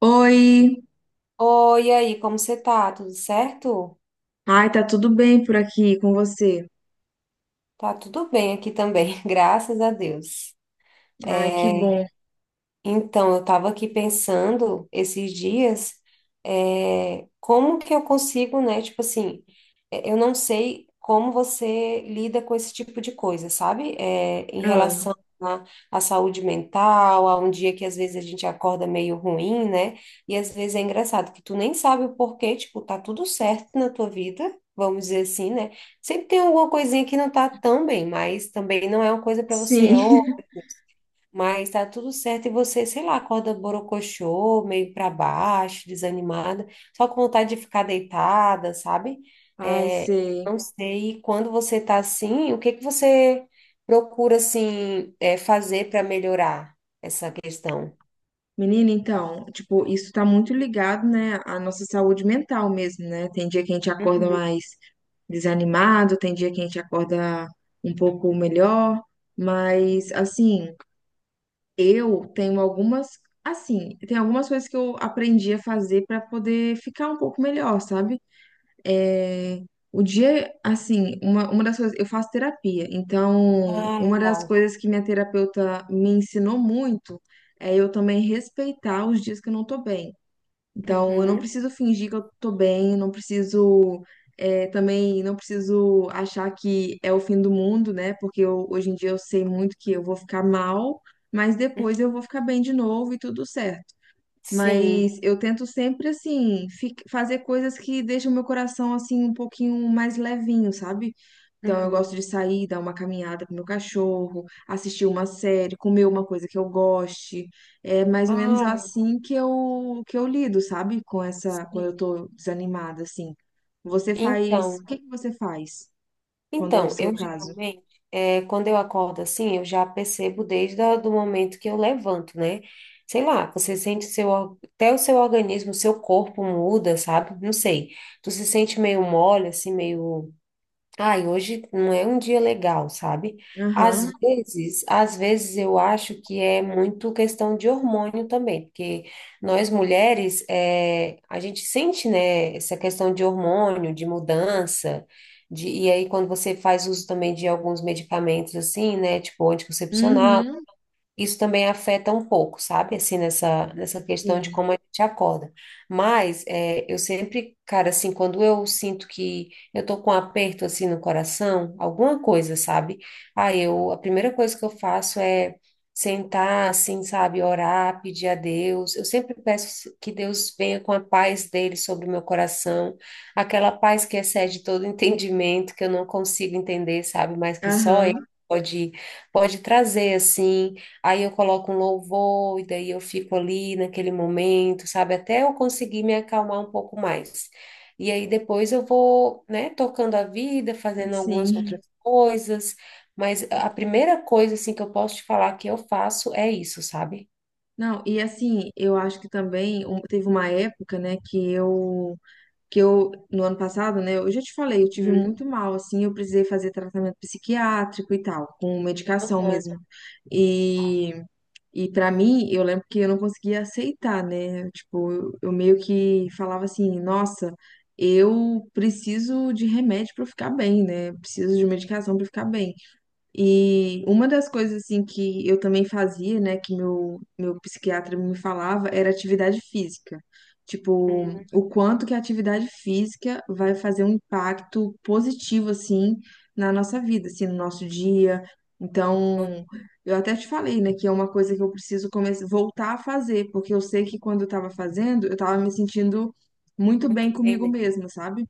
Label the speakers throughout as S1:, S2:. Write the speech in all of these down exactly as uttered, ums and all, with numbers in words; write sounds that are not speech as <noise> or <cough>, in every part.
S1: Oi,
S2: Oi, e aí, como você tá? Tudo certo?
S1: ai, tá tudo bem por aqui com você?
S2: Tá tudo bem aqui também, <laughs> graças a Deus.
S1: Ai, que
S2: É,
S1: bom.
S2: então, eu estava aqui pensando esses dias, é, como que eu consigo, né? Tipo assim, é, eu não sei como você lida com esse tipo de coisa, sabe? É, em
S1: Ah,
S2: relação à, à saúde mental, a um dia que às vezes a gente acorda meio ruim, né? E às vezes é engraçado que tu nem sabe o porquê, tipo, tá tudo certo na tua vida, vamos dizer assim, né? Sempre tem alguma coisinha que não tá tão bem, mas também não é uma coisa para você, ô,
S1: sim, <laughs>
S2: mas tá tudo certo e você, sei lá, acorda borocochô, meio para baixo, desanimada, só com vontade de ficar deitada, sabe?
S1: ai,
S2: É,
S1: sei.
S2: não sei quando você tá assim, o que que você procura assim é, fazer para melhorar essa questão?
S1: Menina, então, tipo, isso tá muito ligado, né, à nossa saúde mental mesmo, né? Tem dia que a gente acorda
S2: Uhum.
S1: mais desanimado, tem dia que a gente acorda um pouco melhor, mas, assim, eu tenho algumas, assim, tem algumas coisas que eu aprendi a fazer pra poder ficar um pouco melhor, sabe? É, o dia, assim, uma, uma das coisas, eu faço terapia, então
S2: Ah,
S1: uma das
S2: legal.
S1: coisas que minha terapeuta me ensinou muito é eu também respeitar os dias que eu não tô bem. Então, eu não
S2: Uhum.
S1: preciso fingir que eu tô bem, eu não preciso, é, também, não preciso achar que é o fim do mundo, né? Porque eu- hoje em dia eu sei muito que eu vou ficar mal, mas depois eu vou ficar bem de novo e tudo certo.
S2: Sim.
S1: Mas eu tento sempre, assim, fi- fazer coisas que deixam meu coração, assim, um pouquinho mais levinho, sabe? Então, eu
S2: Uhum.
S1: gosto de sair, dar uma caminhada com meu cachorro, assistir uma série, comer uma coisa que eu goste. É mais ou menos
S2: Ah,
S1: assim que eu, que eu lido, sabe? Com essa, quando
S2: sim.
S1: eu tô desanimada, assim. Você faz, o
S2: Então.
S1: que que você faz quando é o
S2: Então,
S1: seu
S2: eu
S1: caso?
S2: geralmente, é, quando eu acordo assim, eu já percebo desde a- do momento que eu levanto, né? Sei lá, você sente seu, or- até o seu organismo, o seu corpo muda, sabe? Não sei. Tu se sente meio mole, assim, meio. Ai, hoje não é um dia legal, sabe? Às
S1: Aham,
S2: vezes, às vezes eu acho que é muito questão de hormônio também, porque nós mulheres, é, a gente sente, né, essa questão de hormônio, de mudança, de, e aí quando você faz uso também de alguns medicamentos assim, né, tipo anticoncepcional,
S1: uhum,
S2: isso também afeta um pouco, sabe? Assim, nessa, nessa questão de
S1: sim,
S2: como a gente acorda. Mas é, eu sempre, cara, assim, quando eu sinto que eu tô com um aperto, assim, no coração, alguma coisa, sabe? Aí eu, a primeira coisa que eu faço é sentar, assim, sabe? Orar, pedir a Deus. Eu sempre peço que Deus venha com a paz dele sobre o meu coração, aquela paz que excede todo <laughs> entendimento, que eu não consigo entender, sabe? Mas que só ele
S1: aham,
S2: pode, pode trazer, assim. Aí eu coloco um louvor, e daí eu fico ali naquele momento, sabe? Até eu conseguir me acalmar um pouco mais. E aí depois eu vou, né, tocando a vida, fazendo algumas outras
S1: sim.
S2: coisas, mas a primeira coisa, assim, que eu posso te falar que eu faço é isso, sabe?
S1: Não, e assim, eu acho que também um- teve uma época, né, que eu, que eu, no ano passado, né, eu já te falei, eu tive
S2: Uhum.
S1: muito mal, assim, eu precisei fazer tratamento psiquiátrico e tal, com medicação
S2: Aham.
S1: mesmo. E, e para mim, eu lembro que eu não conseguia aceitar, né, tipo, eu, eu meio que falava assim, nossa, eu preciso de remédio para ficar bem, né, eu preciso de medicação para ficar bem. E uma das coisas assim que eu também fazia, né, que meu meu psiquiatra me falava, era atividade física. Tipo,
S2: Uhum.
S1: o quanto que a atividade física vai fazer um impacto positivo assim na nossa vida, assim, no nosso dia. Então, eu até te falei, né, que é uma coisa que eu preciso começar voltar a fazer, porque eu sei que quando eu tava fazendo, eu tava me sentindo muito
S2: Muito
S1: bem comigo
S2: bem,
S1: mesma, sabe?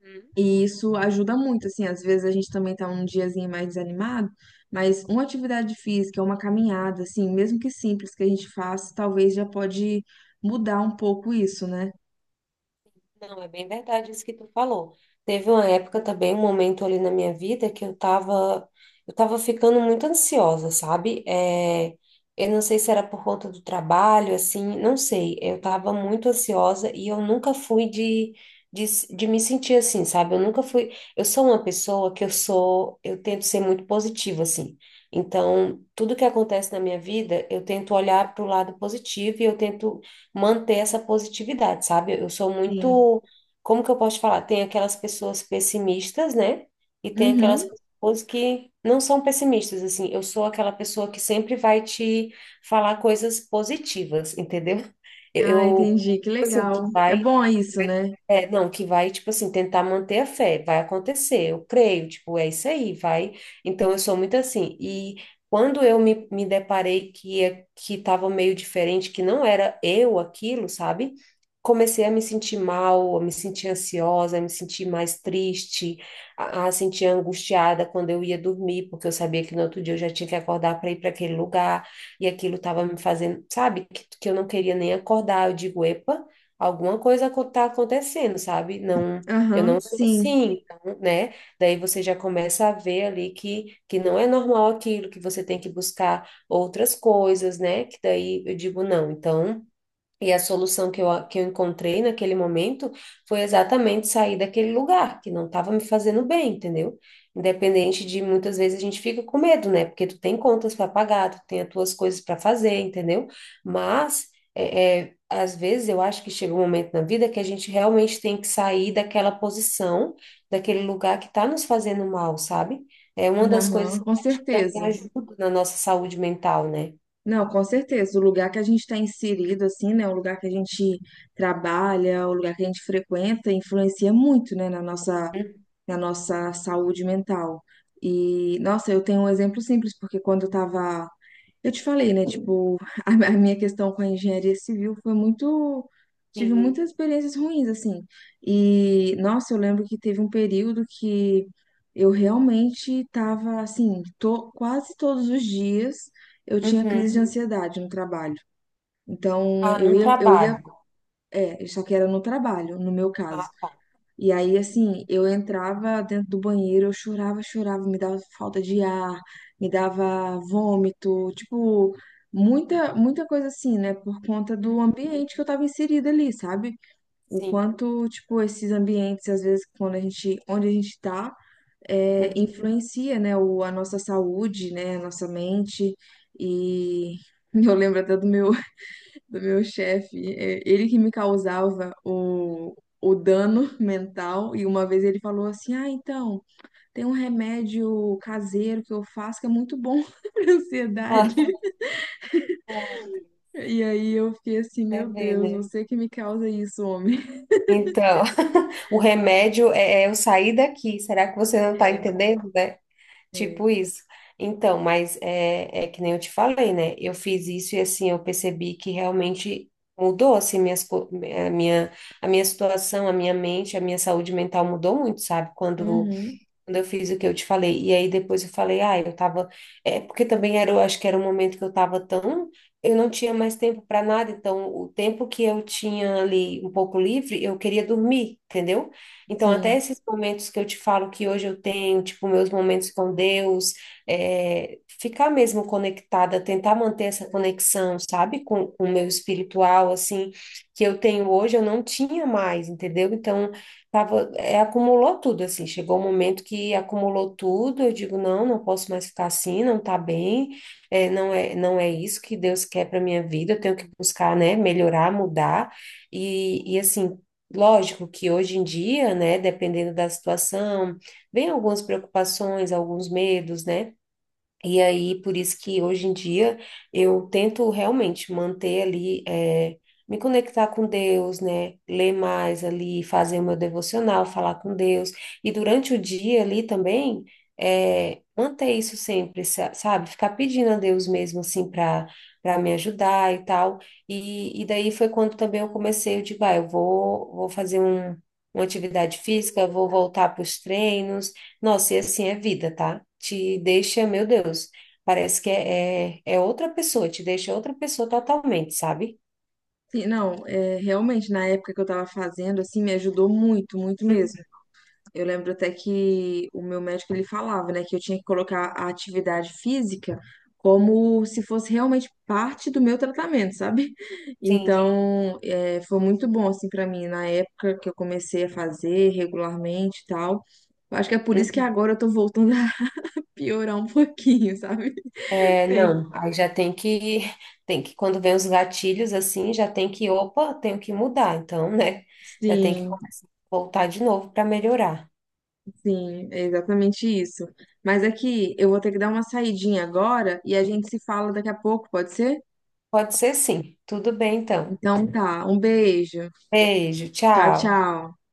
S2: né?
S1: E isso ajuda muito, assim, às vezes a gente também tá um diazinho mais desanimado, mas uma atividade física, uma caminhada, assim, mesmo que simples que a gente faça, talvez já pode mudar um pouco isso, né?
S2: Não, é bem verdade isso que tu falou. Teve uma época também, um momento ali na minha vida que eu tava, eu tava ficando muito ansiosa, sabe? É, eu não sei se era por conta do trabalho, assim, não sei. Eu tava muito ansiosa e eu nunca fui de, de, de me sentir assim, sabe? Eu nunca fui. Eu sou uma pessoa que eu sou, eu tento ser muito positiva, assim. Então, tudo que acontece na minha vida, eu tento olhar para o lado positivo e eu tento manter essa positividade, sabe? Eu sou
S1: Sim.
S2: muito, como que eu posso te falar? Tem aquelas pessoas pessimistas, né? E tem aquelas
S1: Uhum.
S2: pessoas que não são pessimistas, assim. Eu sou aquela pessoa que sempre vai te falar coisas positivas, <laughs> entendeu? Eu,
S1: Ah,
S2: eu,
S1: entendi, que
S2: assim, que
S1: legal. É
S2: vai
S1: bom isso,
S2: vai
S1: né?
S2: é, não, que vai, tipo assim, tentar manter a fé, vai acontecer, eu creio, tipo, é isso aí, vai. Então, eu sou muito assim. E quando eu me, me deparei que que estava meio diferente, que não era eu aquilo, sabe? Comecei a me sentir mal, a me sentir ansiosa, a me sentir mais triste, a, a sentir angustiada quando eu ia dormir, porque eu sabia que no outro dia eu já tinha que acordar para ir para aquele lugar, e aquilo estava me fazendo, sabe? Que, que eu não queria nem acordar. Eu digo, epa, alguma coisa está acontecendo, sabe? Não, eu
S1: Aham,
S2: não sou
S1: sim.
S2: assim, então, né? Daí você já começa a ver ali que, que não é normal aquilo, que você tem que buscar outras coisas, né? Que daí eu digo, não, então e a solução que eu, que eu encontrei naquele momento foi exatamente sair daquele lugar que não estava me fazendo bem, entendeu? Independente de muitas vezes a gente fica com medo, né? Porque tu tem contas para pagar, tu tem as tuas coisas para fazer, entendeu? Mas é, é, às vezes eu acho que chega um momento na vida que a gente realmente tem que sair daquela posição, daquele lugar que está nos fazendo mal, sabe? É uma das coisas
S1: Aham,
S2: que
S1: com
S2: acho que também
S1: certeza.
S2: ajuda na nossa saúde mental, né?
S1: Não, com certeza. O lugar que a gente está inserido, assim, né? O lugar que a gente trabalha, o lugar que a gente frequenta, influencia muito, né, na nossa
S2: Uhum.
S1: na nossa saúde mental. E, nossa, eu tenho um exemplo simples, porque quando eu tava. Eu te falei, né? Tipo, <laughs> a a minha questão com a engenharia civil foi muito. Tive
S2: Sim.
S1: muitas experiências ruins, assim. E, nossa, eu lembro que teve um período que eu realmente tava, assim, to... quase todos os dias eu tinha crise de
S2: Uhum.
S1: ansiedade no trabalho. Então,
S2: Ah,
S1: eu
S2: no
S1: ia, eu ia,
S2: trabalho.
S1: é, só que era no trabalho, no meu caso.
S2: Ah, tá.
S1: E aí, assim, eu entrava dentro do banheiro, eu chorava, chorava, me dava falta de ar, me dava vômito, tipo, muita, muita coisa assim, né? Por conta do
S2: Uhum.
S1: ambiente que eu tava inserida ali, sabe? O
S2: Sim.
S1: quanto, tipo, esses ambientes, às vezes, quando a gente, onde a gente tá, é,
S2: Uhum.
S1: influencia, né? O, a nossa saúde, né? A nossa mente. E <laughs> eu lembro até do meu do meu chefe, é, ele que me causava o, o dano mental. E uma vez ele falou assim: Ah, então, tem um remédio caseiro que eu faço que é muito bom <laughs> para
S2: Ai,
S1: ansiedade.
S2: ai, Deus.
S1: E aí eu fiquei assim:
S2: Você
S1: Meu
S2: vê,
S1: Deus,
S2: né?
S1: você que me causa isso, homem.
S2: Então, <laughs> o remédio é, é eu sair daqui. Será que você não está
S1: É,
S2: entendendo, né? Tipo isso. Então, mas é, é que nem eu te falei, né? Eu fiz isso e assim, eu percebi que realmente mudou, assim, minhas, co- a minha, a minha situação, a minha mente, a minha saúde mental mudou muito, sabe? Quando
S1: uhum,
S2: quando eu fiz o que eu te falei. E aí depois eu falei, ah, eu tava. É porque também era, eu acho que era um momento que eu tava tão. Eu não tinha mais tempo para nada, então o tempo que eu tinha ali um pouco livre, eu queria dormir, entendeu? Então,
S1: sim.
S2: até esses momentos que eu te falo que hoje eu tenho, tipo, meus momentos com Deus, é, ficar mesmo conectada, tentar manter essa conexão, sabe, com com o meu espiritual, assim, que eu tenho hoje, eu não tinha mais, entendeu? Então, tava, é, acumulou tudo, assim. Chegou um momento que acumulou tudo. Eu digo, não, não posso mais ficar assim, não tá bem, é, não é, não é isso que Deus quer para minha vida. Eu tenho que buscar, né, melhorar, mudar. E, e assim, lógico que hoje em dia, né, dependendo da situação, vem algumas preocupações, alguns medos, né? E aí, por isso que hoje em dia eu tento realmente manter ali, eh, me conectar com Deus, né? Ler mais ali, fazer o meu devocional, falar com Deus. E durante o dia ali também, eh, manter isso sempre, sa- sabe? Ficar pedindo a Deus mesmo, assim, para para me ajudar e tal. E, e daí foi quando também eu comecei, eu digo, ah, eu vou, vou fazer um, uma atividade física, vou voltar para os treinos. Nossa, e assim é vida, tá? Te deixa, meu Deus, parece que é, é, é outra pessoa, te deixa outra pessoa totalmente, sabe?
S1: Sim, não, é, realmente na época que eu tava fazendo, assim, me ajudou muito, muito mesmo.
S2: Uhum.
S1: Eu lembro até que o meu médico ele falava, né, que eu tinha que colocar a atividade física como se fosse realmente parte do meu tratamento, sabe? <laughs>
S2: Sim.
S1: Então, é, foi muito bom assim para mim na época que eu comecei a fazer regularmente e tal. Eu acho que é por isso que
S2: Uhum.
S1: agora eu tô voltando a <laughs> piorar um pouquinho, sabe?
S2: É,
S1: Tem-
S2: não, aí já tem que, <laughs> tem que, quando vem os gatilhos assim, já tem que, opa, tenho que mudar, então, né? Já tem que
S1: Sim,
S2: voltar de novo para melhorar.
S1: sim, é exatamente isso. Mas aqui eu vou ter que dar uma saidinha agora e a gente se fala daqui a pouco, pode ser?
S2: Pode ser sim. Tudo bem, então.
S1: Então tá, um beijo.
S2: Beijo,
S1: Tchau,
S2: tchau.
S1: tchau.